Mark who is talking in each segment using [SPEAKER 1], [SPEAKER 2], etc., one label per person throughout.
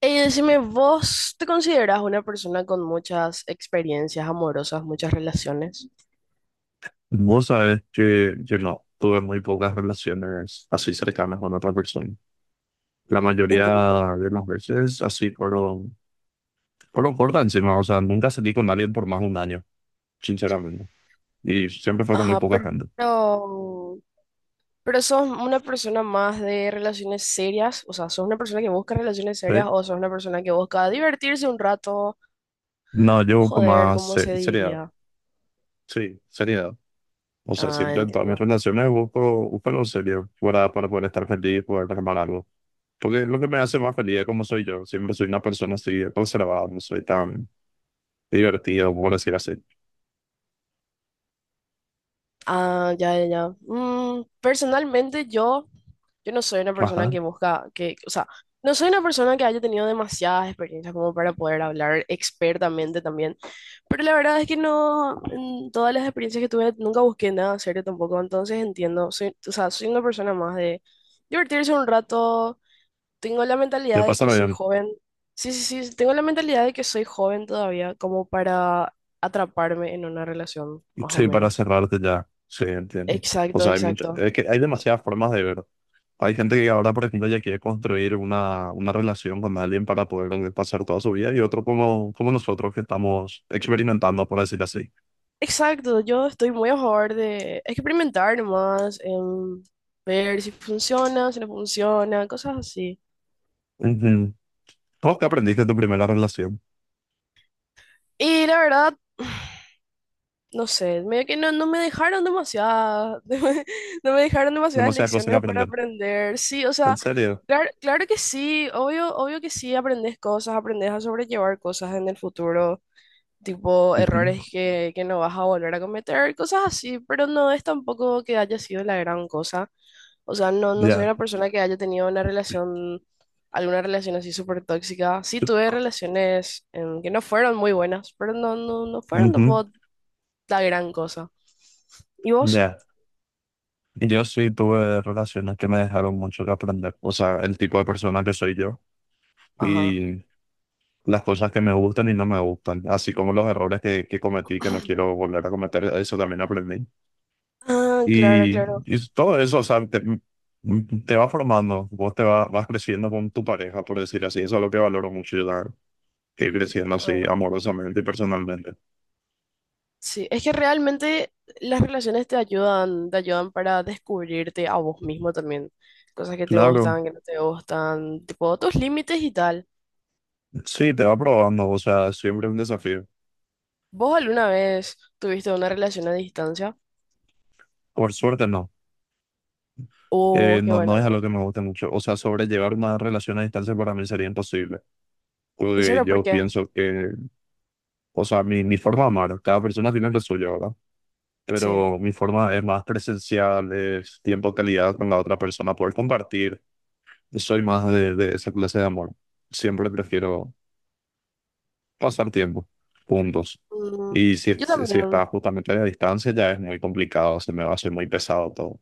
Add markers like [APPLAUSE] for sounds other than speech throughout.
[SPEAKER 1] Decime, ¿vos te consideras una persona con muchas experiencias amorosas, muchas relaciones?
[SPEAKER 2] Vos sabés que yo no tuve muy pocas relaciones así cercanas con otra persona. La mayoría
[SPEAKER 1] Entiendo.
[SPEAKER 2] de las veces así fueron por encima, o sea, nunca salí con alguien por más de un año, sinceramente. Y siempre fue con muy
[SPEAKER 1] Ajá,
[SPEAKER 2] poca gente.
[SPEAKER 1] pero sos una persona más de relaciones serias, o sea, sos una persona que busca relaciones
[SPEAKER 2] ¿Eh?
[SPEAKER 1] serias o sos una persona que busca divertirse un rato,
[SPEAKER 2] No, yo con
[SPEAKER 1] joder,
[SPEAKER 2] más
[SPEAKER 1] ¿cómo se
[SPEAKER 2] seriedad,
[SPEAKER 1] diría?
[SPEAKER 2] sí, seriedad. O sea,
[SPEAKER 1] Ah,
[SPEAKER 2] siempre en todas mis
[SPEAKER 1] entiendo.
[SPEAKER 2] relaciones busco lo serio para poder estar feliz, poder armar algo. Porque lo que me hace más feliz es como soy yo. Siempre soy una persona así, conservada, no soy tan divertido, por decir así.
[SPEAKER 1] Ah, ya, ya, ya. Mm, personalmente yo no soy una persona
[SPEAKER 2] Ajá.
[SPEAKER 1] que busca, que, o sea, no soy una persona que haya tenido demasiadas experiencias como para poder hablar expertamente también, pero la verdad es que no, en todas las experiencias que tuve nunca busqué nada serio tampoco, entonces entiendo, soy, o sea, soy una persona más de divertirse un rato, tengo la
[SPEAKER 2] De
[SPEAKER 1] mentalidad de que
[SPEAKER 2] pasarlo
[SPEAKER 1] soy
[SPEAKER 2] bien.
[SPEAKER 1] joven, sí, sí, sí, tengo la mentalidad de que soy joven todavía como para atraparme en una relación, más o
[SPEAKER 2] Sí, para
[SPEAKER 1] menos.
[SPEAKER 2] cerrarte ya. Sí, entiendo. O
[SPEAKER 1] Exacto,
[SPEAKER 2] sea, hay
[SPEAKER 1] exacto.
[SPEAKER 2] es que hay demasiadas formas de ver. Hay gente que ahora, por ejemplo, ya quiere construir una relación con alguien para poder pasar toda su vida y otro como nosotros que estamos experimentando, por decir así.
[SPEAKER 1] Exacto, yo estoy muy a favor de experimentar nomás, ver si funciona, si no funciona, cosas así.
[SPEAKER 2] Ujú. ¿Cómo que aprendiste de tu primera relación?
[SPEAKER 1] Y la verdad, [SIGHS] no sé, medio que no, no me dejaron demasiadas, [LAUGHS] no me dejaron demasiadas
[SPEAKER 2] Demasiadas cosas que
[SPEAKER 1] lecciones para
[SPEAKER 2] aprender.
[SPEAKER 1] aprender. Sí, o
[SPEAKER 2] ¿En
[SPEAKER 1] sea,
[SPEAKER 2] serio?
[SPEAKER 1] claro, claro que sí, obvio, obvio que sí, aprendes cosas, aprendes a sobrellevar cosas en el futuro, tipo
[SPEAKER 2] Ujú.
[SPEAKER 1] errores que no vas a volver a cometer, cosas así, pero no es tampoco que haya sido la gran cosa. O sea, no, no soy una
[SPEAKER 2] Ya.
[SPEAKER 1] persona que haya tenido una relación, alguna relación así súper tóxica. Sí tuve relaciones que no fueron muy buenas, pero no, no, no fueron
[SPEAKER 2] Ujú.
[SPEAKER 1] tampoco la gran cosa. ¿Y vos?
[SPEAKER 2] Ya. Y yo sí tuve relaciones que me dejaron mucho que aprender. O sea, el tipo de persona que soy yo.
[SPEAKER 1] Ajá.
[SPEAKER 2] Y las cosas que me gustan y no me gustan, así como los errores que cometí, que no quiero volver a cometer, eso también aprendí.
[SPEAKER 1] Ah, claro,
[SPEAKER 2] Y,
[SPEAKER 1] claro.
[SPEAKER 2] y todo eso, o sea, te va formando, vos te va- vas creciendo con tu pareja, por decir así, eso es lo que valoro mucho, yo que ir creciendo así
[SPEAKER 1] Ah,
[SPEAKER 2] amorosamente y personalmente.
[SPEAKER 1] sí, es que realmente las relaciones te ayudan para descubrirte a vos mismo también. Cosas que te
[SPEAKER 2] Claro,
[SPEAKER 1] gustan, que no te gustan, tipo tus límites y tal.
[SPEAKER 2] sí, te va probando, o sea, siempre un desafío.
[SPEAKER 1] ¿Vos alguna vez tuviste una relación a distancia?
[SPEAKER 2] Por suerte no,
[SPEAKER 1] Oh, qué
[SPEAKER 2] no,
[SPEAKER 1] bueno.
[SPEAKER 2] no es algo que me guste mucho, o sea, sobrellevar una relación a distancia para mí sería imposible.
[SPEAKER 1] ¿En
[SPEAKER 2] Porque
[SPEAKER 1] serio? ¿Por
[SPEAKER 2] yo
[SPEAKER 1] qué?
[SPEAKER 2] pienso que, o sea, mi forma de amar, cada persona tiene lo suyo, ¿verdad?
[SPEAKER 1] Sí.
[SPEAKER 2] Pero mi forma es más presencial, es tiempo de calidad con la otra persona, poder compartir. Soy más de esa clase de amor. Siempre prefiero pasar tiempo juntos.
[SPEAKER 1] Mm,
[SPEAKER 2] Y si,
[SPEAKER 1] yo
[SPEAKER 2] si, si
[SPEAKER 1] también.
[SPEAKER 2] está justamente a la distancia, ya es muy complicado, se me va a hacer muy pesado todo,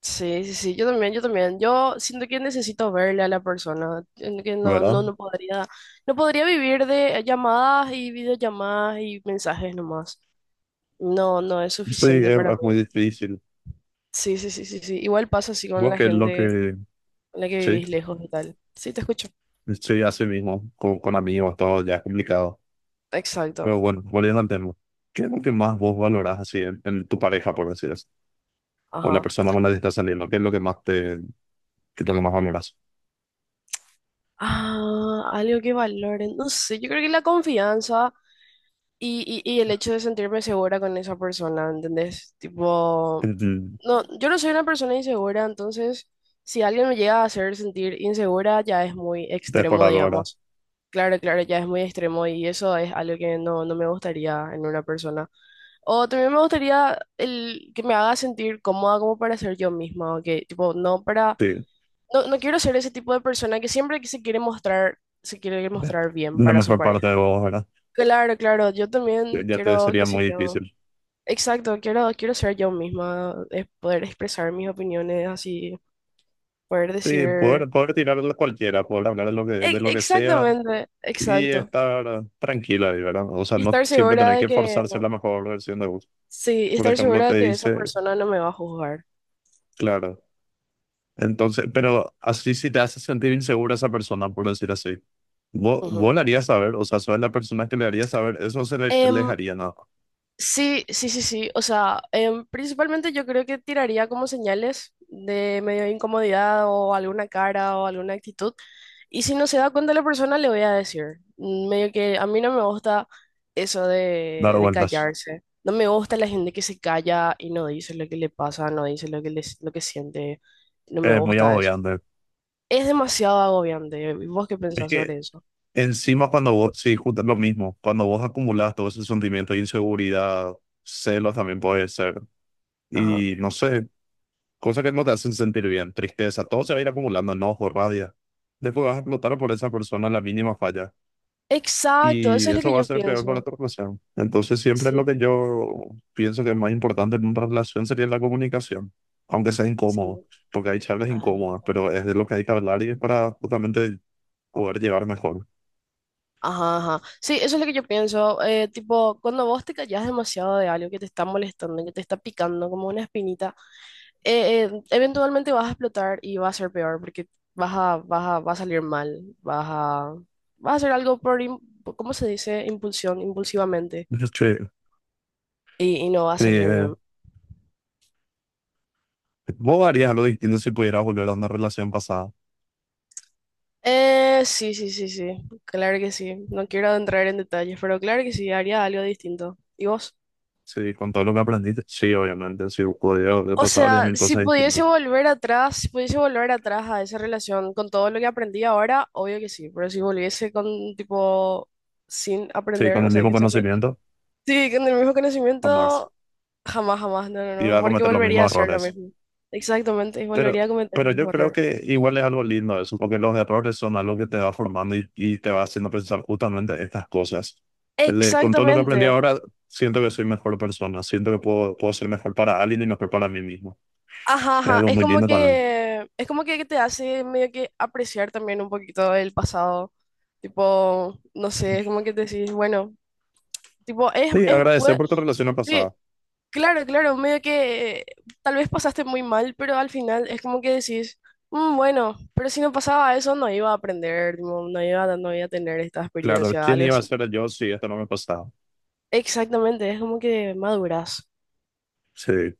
[SPEAKER 1] Sí, sí, sí, yo también, yo también. Yo siento que necesito verle a la persona, siento que no,
[SPEAKER 2] ¿verdad?
[SPEAKER 1] no, no podría, no podría vivir de llamadas y videollamadas y mensajes nomás. No, no es
[SPEAKER 2] Sí,
[SPEAKER 1] suficiente
[SPEAKER 2] es,
[SPEAKER 1] para mí.
[SPEAKER 2] es muy difícil.
[SPEAKER 1] Sí, sí, sí, sí, sí. Igual pasa así con
[SPEAKER 2] Creo
[SPEAKER 1] la
[SPEAKER 2] que es lo
[SPEAKER 1] gente
[SPEAKER 2] que,
[SPEAKER 1] con la que
[SPEAKER 2] sí,
[SPEAKER 1] vivís lejos y tal. Sí, te escucho.
[SPEAKER 2] sí, así mismo, con amigos, todo ya es complicado.
[SPEAKER 1] Exacto.
[SPEAKER 2] Pero bueno, volviendo al tema, ¿qué es lo que más vos valorás así en tu pareja, por decir así? O la
[SPEAKER 1] Ajá.
[SPEAKER 2] persona con la que estás saliendo, ¿qué es lo que más te, qué es lo que más valorás?
[SPEAKER 1] Ah, algo que valoren. No sé, yo creo que la confianza y el hecho de sentirme segura con esa persona, ¿entendés? Tipo.
[SPEAKER 2] Mm.
[SPEAKER 1] No, yo no soy una persona insegura, entonces si alguien me llega a hacer sentir insegura ya es muy
[SPEAKER 2] De por
[SPEAKER 1] extremo,
[SPEAKER 2] ahora,
[SPEAKER 1] digamos. Claro, claro, ya es muy extremo y eso es algo que no, no me gustaría en una persona. O también me gustaría el que me haga sentir cómoda como para ser yo misma, o que tipo, no para,
[SPEAKER 2] sí.
[SPEAKER 1] no, no quiero ser ese tipo de persona que siempre que se quiere
[SPEAKER 2] de-
[SPEAKER 1] mostrar bien
[SPEAKER 2] La
[SPEAKER 1] para su
[SPEAKER 2] mejor
[SPEAKER 1] pareja.
[SPEAKER 2] parte de vos, ¿verdad?
[SPEAKER 1] Claro, claro, yo
[SPEAKER 2] Ya
[SPEAKER 1] también
[SPEAKER 2] ya te
[SPEAKER 1] quiero, qué
[SPEAKER 2] sería
[SPEAKER 1] sé
[SPEAKER 2] muy
[SPEAKER 1] yo.
[SPEAKER 2] difícil.
[SPEAKER 1] Exacto, quiero, quiero ser yo misma, es poder expresar mis opiniones así. Poder
[SPEAKER 2] Sí, poder,
[SPEAKER 1] decir...
[SPEAKER 2] poder tirar de cualquiera, poder hablar de
[SPEAKER 1] E-
[SPEAKER 2] lo que sea
[SPEAKER 1] exactamente,
[SPEAKER 2] y
[SPEAKER 1] exacto.
[SPEAKER 2] estar tranquila, ahí, ¿verdad? O sea,
[SPEAKER 1] Y
[SPEAKER 2] no
[SPEAKER 1] estar
[SPEAKER 2] siempre
[SPEAKER 1] segura
[SPEAKER 2] tener
[SPEAKER 1] de
[SPEAKER 2] que
[SPEAKER 1] que...
[SPEAKER 2] forzarse la mejor versión de vos.
[SPEAKER 1] Sí, y
[SPEAKER 2] Por
[SPEAKER 1] estar
[SPEAKER 2] ejemplo,
[SPEAKER 1] segura
[SPEAKER 2] te
[SPEAKER 1] de que esa
[SPEAKER 2] dice,
[SPEAKER 1] persona no me va a juzgar.
[SPEAKER 2] claro. Entonces, pero así si te hace sentir insegura esa persona, por decir así. Vos,
[SPEAKER 1] Ujú.
[SPEAKER 2] vos le harías saber, o sea, sos la persona que le haría saber, eso se le
[SPEAKER 1] Em,
[SPEAKER 2] haría nada,
[SPEAKER 1] sí, sí, sí, sí. O sea, principalmente yo creo que tiraría como señales de medio de incomodidad o alguna cara o alguna actitud. Y si no se da cuenta la persona, le voy a decir. Mm, medio que a mí no me gusta eso
[SPEAKER 2] dar
[SPEAKER 1] de
[SPEAKER 2] vueltas.
[SPEAKER 1] callarse. No me gusta la gente que se calla y no dice lo que le pasa, no dice lo que, lo que siente. No me
[SPEAKER 2] Es muy
[SPEAKER 1] gusta eso.
[SPEAKER 2] agobiante.
[SPEAKER 1] Es demasiado agobiante. ¿Vos qué
[SPEAKER 2] Es
[SPEAKER 1] pensás
[SPEAKER 2] que
[SPEAKER 1] sobre eso?
[SPEAKER 2] encima cuando vos, sí, justo es lo mismo, cuando vos acumulás todo ese sentimiento de inseguridad, celos también puede ser,
[SPEAKER 1] Ajá.
[SPEAKER 2] y no sé, cosas que no te hacen sentir bien, tristeza, todo se va a ir acumulando, enojo, rabia. Después vas a explotar por esa persona la mínima falla.
[SPEAKER 1] Exacto,
[SPEAKER 2] Y
[SPEAKER 1] eso es lo
[SPEAKER 2] eso
[SPEAKER 1] que
[SPEAKER 2] va a
[SPEAKER 1] yo
[SPEAKER 2] ser peor con la
[SPEAKER 1] pienso.
[SPEAKER 2] otra relación. Entonces, siempre lo
[SPEAKER 1] Sí,
[SPEAKER 2] que yo pienso que es más importante en una relación sería la comunicación, aunque sea
[SPEAKER 1] sí.
[SPEAKER 2] incómodo, porque hay charlas
[SPEAKER 1] Ay.
[SPEAKER 2] incómodas, pero es de lo que hay que hablar y es para justamente poder llevar mejor.
[SPEAKER 1] Ajá, ajá. Sí, eso es lo que yo pienso. Tipo, cuando vos te callás demasiado de algo que te está molestando, que te está picando como una espinita, eventualmente vas a explotar y va a ser peor porque va a salir mal, vas a, vas a hacer algo por, ¿cómo se dice? Impulsión, impulsivamente
[SPEAKER 2] Yo che,
[SPEAKER 1] y no va a salir
[SPEAKER 2] eh,
[SPEAKER 1] bien.
[SPEAKER 2] ¿vos harías algo distinto si pudieras volver a una relación pasada?
[SPEAKER 1] Sí, sí, sí, sí, claro que sí. No quiero entrar en detalles, pero claro que sí, haría algo distinto. ¿Y vos?
[SPEAKER 2] Sí, con todo lo que aprendiste. Sí, obviamente, si pudiera volver al
[SPEAKER 1] O
[SPEAKER 2] pasado, harías
[SPEAKER 1] sea,
[SPEAKER 2] mil
[SPEAKER 1] si
[SPEAKER 2] cosas
[SPEAKER 1] pudiese
[SPEAKER 2] distintas.
[SPEAKER 1] volver atrás, si pudiese volver atrás a esa relación con todo lo que aprendí ahora, obvio que sí, pero si volviese con tipo sin
[SPEAKER 2] Sí,
[SPEAKER 1] aprender,
[SPEAKER 2] con el
[SPEAKER 1] o sea,
[SPEAKER 2] mismo
[SPEAKER 1] que sea muy-
[SPEAKER 2] conocimiento,
[SPEAKER 1] Sí, con el mismo
[SPEAKER 2] jamás.
[SPEAKER 1] conocimiento, jamás, jamás, no, no,
[SPEAKER 2] Iba
[SPEAKER 1] no,
[SPEAKER 2] a
[SPEAKER 1] porque
[SPEAKER 2] cometer los
[SPEAKER 1] volvería a
[SPEAKER 2] mismos
[SPEAKER 1] hacer lo
[SPEAKER 2] errores.
[SPEAKER 1] mismo. Exactamente, y volvería
[SPEAKER 2] Pero,
[SPEAKER 1] a cometer el
[SPEAKER 2] pero
[SPEAKER 1] mismo
[SPEAKER 2] yo creo
[SPEAKER 1] error.
[SPEAKER 2] que igual es algo lindo eso, porque los errores son algo que te va formando y te va haciendo pensar justamente estas cosas. Con todo lo que aprendí
[SPEAKER 1] Exactamente.
[SPEAKER 2] ahora, siento que soy mejor persona, siento que puedo ser mejor para alguien y mejor para mí mismo.
[SPEAKER 1] Ajá,
[SPEAKER 2] Es
[SPEAKER 1] ajá,
[SPEAKER 2] algo
[SPEAKER 1] es
[SPEAKER 2] muy
[SPEAKER 1] como
[SPEAKER 2] lindo también.
[SPEAKER 1] que es como que te hace medio que apreciar también un poquito el pasado. Tipo, no sé, es como que te decís, bueno, tipo es
[SPEAKER 2] Sí,
[SPEAKER 1] es
[SPEAKER 2] agradecer
[SPEAKER 1] puede,
[SPEAKER 2] por tu relación
[SPEAKER 1] sí,
[SPEAKER 2] pasada.
[SPEAKER 1] claro, claro, medio que tal vez pasaste muy mal, pero al final es como que decís, "Mm, bueno, pero si no pasaba eso no iba a aprender, tipo, no iba, no iba a tener esta
[SPEAKER 2] Claro,
[SPEAKER 1] experiencia,
[SPEAKER 2] ¿quién
[SPEAKER 1] algo
[SPEAKER 2] iba a
[SPEAKER 1] así".
[SPEAKER 2] ser yo si esto no me pasaba?
[SPEAKER 1] Exactamente, es como que maduras.
[SPEAKER 2] Sí.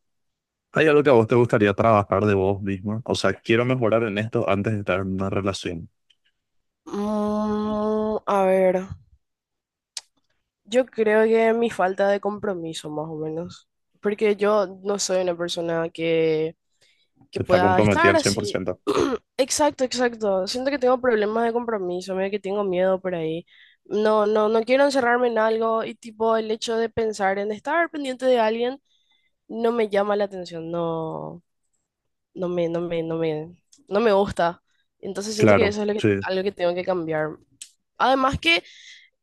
[SPEAKER 2] ¿Hay algo que a vos te gustaría trabajar de vos mismo? O sea, quiero mejorar en esto antes de estar en una relación.
[SPEAKER 1] Mm, a ver, yo creo que mi falta de compromiso más o menos, porque yo no soy una persona que
[SPEAKER 2] Está
[SPEAKER 1] pueda
[SPEAKER 2] comprometida
[SPEAKER 1] estar
[SPEAKER 2] al cien por
[SPEAKER 1] así.
[SPEAKER 2] ciento
[SPEAKER 1] [CLEARS THROAT] Exacto, exacto. Siento que tengo problemas de compromiso, medio que tengo miedo por ahí. No, no, no quiero encerrarme en algo y tipo el hecho de pensar en estar pendiente de alguien no me llama la atención, no, no me, no me, no me, no me gusta. Entonces siento que
[SPEAKER 2] Claro,
[SPEAKER 1] eso es lo que,
[SPEAKER 2] sí.
[SPEAKER 1] algo que tengo que cambiar. Además que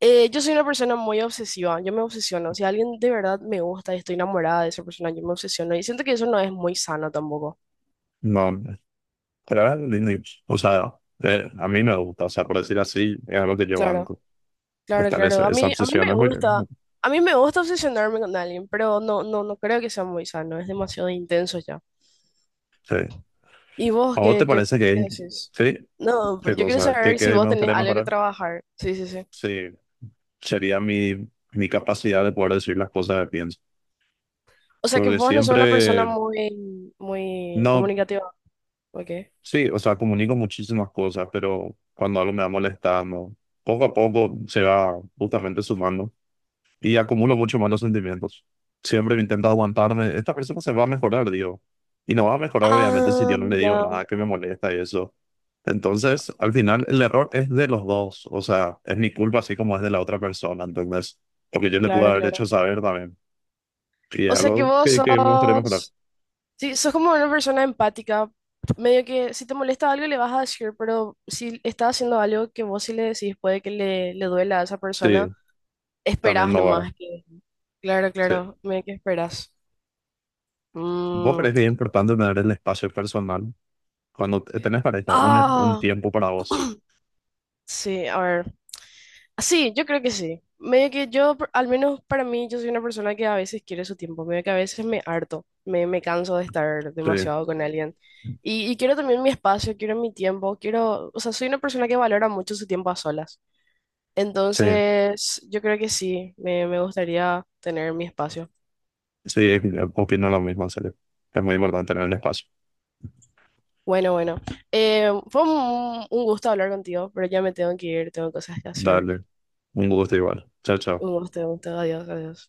[SPEAKER 1] yo soy una persona muy obsesiva, yo me obsesiono. Si alguien de verdad me gusta y estoy enamorada de esa persona, yo me obsesiono y siento que eso no es muy sano tampoco.
[SPEAKER 2] No. Pero era lindo. O sea, a mí me gusta, o sea, por decir así, es algo que yo
[SPEAKER 1] Claro.
[SPEAKER 2] banco.
[SPEAKER 1] Claro,
[SPEAKER 2] Estar
[SPEAKER 1] claro.
[SPEAKER 2] esa, esa
[SPEAKER 1] A mí
[SPEAKER 2] obsesión
[SPEAKER 1] me
[SPEAKER 2] es muy
[SPEAKER 1] gusta,
[SPEAKER 2] bien.
[SPEAKER 1] a mí me gusta obsesionarme con alguien, pero no, no, no creo que sea muy sano, es demasiado intenso ya.
[SPEAKER 2] Sí.
[SPEAKER 1] ¿Y vos
[SPEAKER 2] ¿A vos te
[SPEAKER 1] qué, qué,
[SPEAKER 2] parece
[SPEAKER 1] qué
[SPEAKER 2] que
[SPEAKER 1] haces?
[SPEAKER 2] sí?
[SPEAKER 1] No,
[SPEAKER 2] ¿Qué
[SPEAKER 1] pero yo quiero
[SPEAKER 2] cosa? ¿Qué,
[SPEAKER 1] saber si
[SPEAKER 2] qué
[SPEAKER 1] vos
[SPEAKER 2] me
[SPEAKER 1] tenés
[SPEAKER 2] gustaría
[SPEAKER 1] algo que
[SPEAKER 2] mejorar?
[SPEAKER 1] trabajar. Sí, sí, sí.
[SPEAKER 2] Sí, sería mi capacidad de poder decir las cosas que pienso.
[SPEAKER 1] O sea que
[SPEAKER 2] Porque
[SPEAKER 1] vos no sos una persona
[SPEAKER 2] siempre,
[SPEAKER 1] muy, muy
[SPEAKER 2] no,
[SPEAKER 1] comunicativa, ¿ok?
[SPEAKER 2] sí, o sea, comunico muchísimas cosas, pero cuando algo me va molestando, poco a poco se va justamente sumando. Y acumulo mucho malos sentimientos. Siempre me intento aguantarme. Esta persona se va a mejorar, digo. Y no va a mejorar, obviamente, si
[SPEAKER 1] Ah,
[SPEAKER 2] yo no le digo
[SPEAKER 1] ya,
[SPEAKER 2] nada que me molesta y eso. Entonces, al final, el error es de los dos. O sea, es mi culpa, así como es de la otra persona. Entonces, porque yo le pude
[SPEAKER 1] claro,
[SPEAKER 2] haber hecho
[SPEAKER 1] claro.
[SPEAKER 2] saber también. Y es
[SPEAKER 1] O sea que
[SPEAKER 2] algo
[SPEAKER 1] vos
[SPEAKER 2] que me gustaría mejorar.
[SPEAKER 1] sos, sí, sos como una persona empática, medio que si te molesta algo le vas a decir, pero si está haciendo algo que vos sí le decís puede que le duela a esa persona,
[SPEAKER 2] Sí, también
[SPEAKER 1] esperás
[SPEAKER 2] no ahora.
[SPEAKER 1] nomás que... Claro,
[SPEAKER 2] Sí.
[SPEAKER 1] claro, medio que esperás.
[SPEAKER 2] ¿Vos
[SPEAKER 1] Mm,
[SPEAKER 2] crees que es importante tener el espacio personal cuando tenés pareja? Un
[SPEAKER 1] ah,
[SPEAKER 2] tiempo para vos.
[SPEAKER 1] sí, a ver. Sí, yo creo que sí. Medio que yo, por- al menos para mí, yo soy una persona que a veces quiere su tiempo, medio que a veces me harto, me canso de estar
[SPEAKER 2] Sí,
[SPEAKER 1] demasiado con alguien. Y quiero también mi espacio, quiero mi tiempo, quiero, o sea, soy una persona que valora mucho su tiempo a solas.
[SPEAKER 2] sí.
[SPEAKER 1] Entonces, yo creo que sí, me gustaría tener mi espacio.
[SPEAKER 2] Sí, opino lo mismo, en serio. Es muy importante tener el espacio.
[SPEAKER 1] Bueno, bueno, fue un gusto hablar contigo, pero ya me tengo que ir, tengo cosas que hacer.
[SPEAKER 2] Dale. Un gusto igual. Chao, chao.
[SPEAKER 1] Un gusto, adiós, adiós.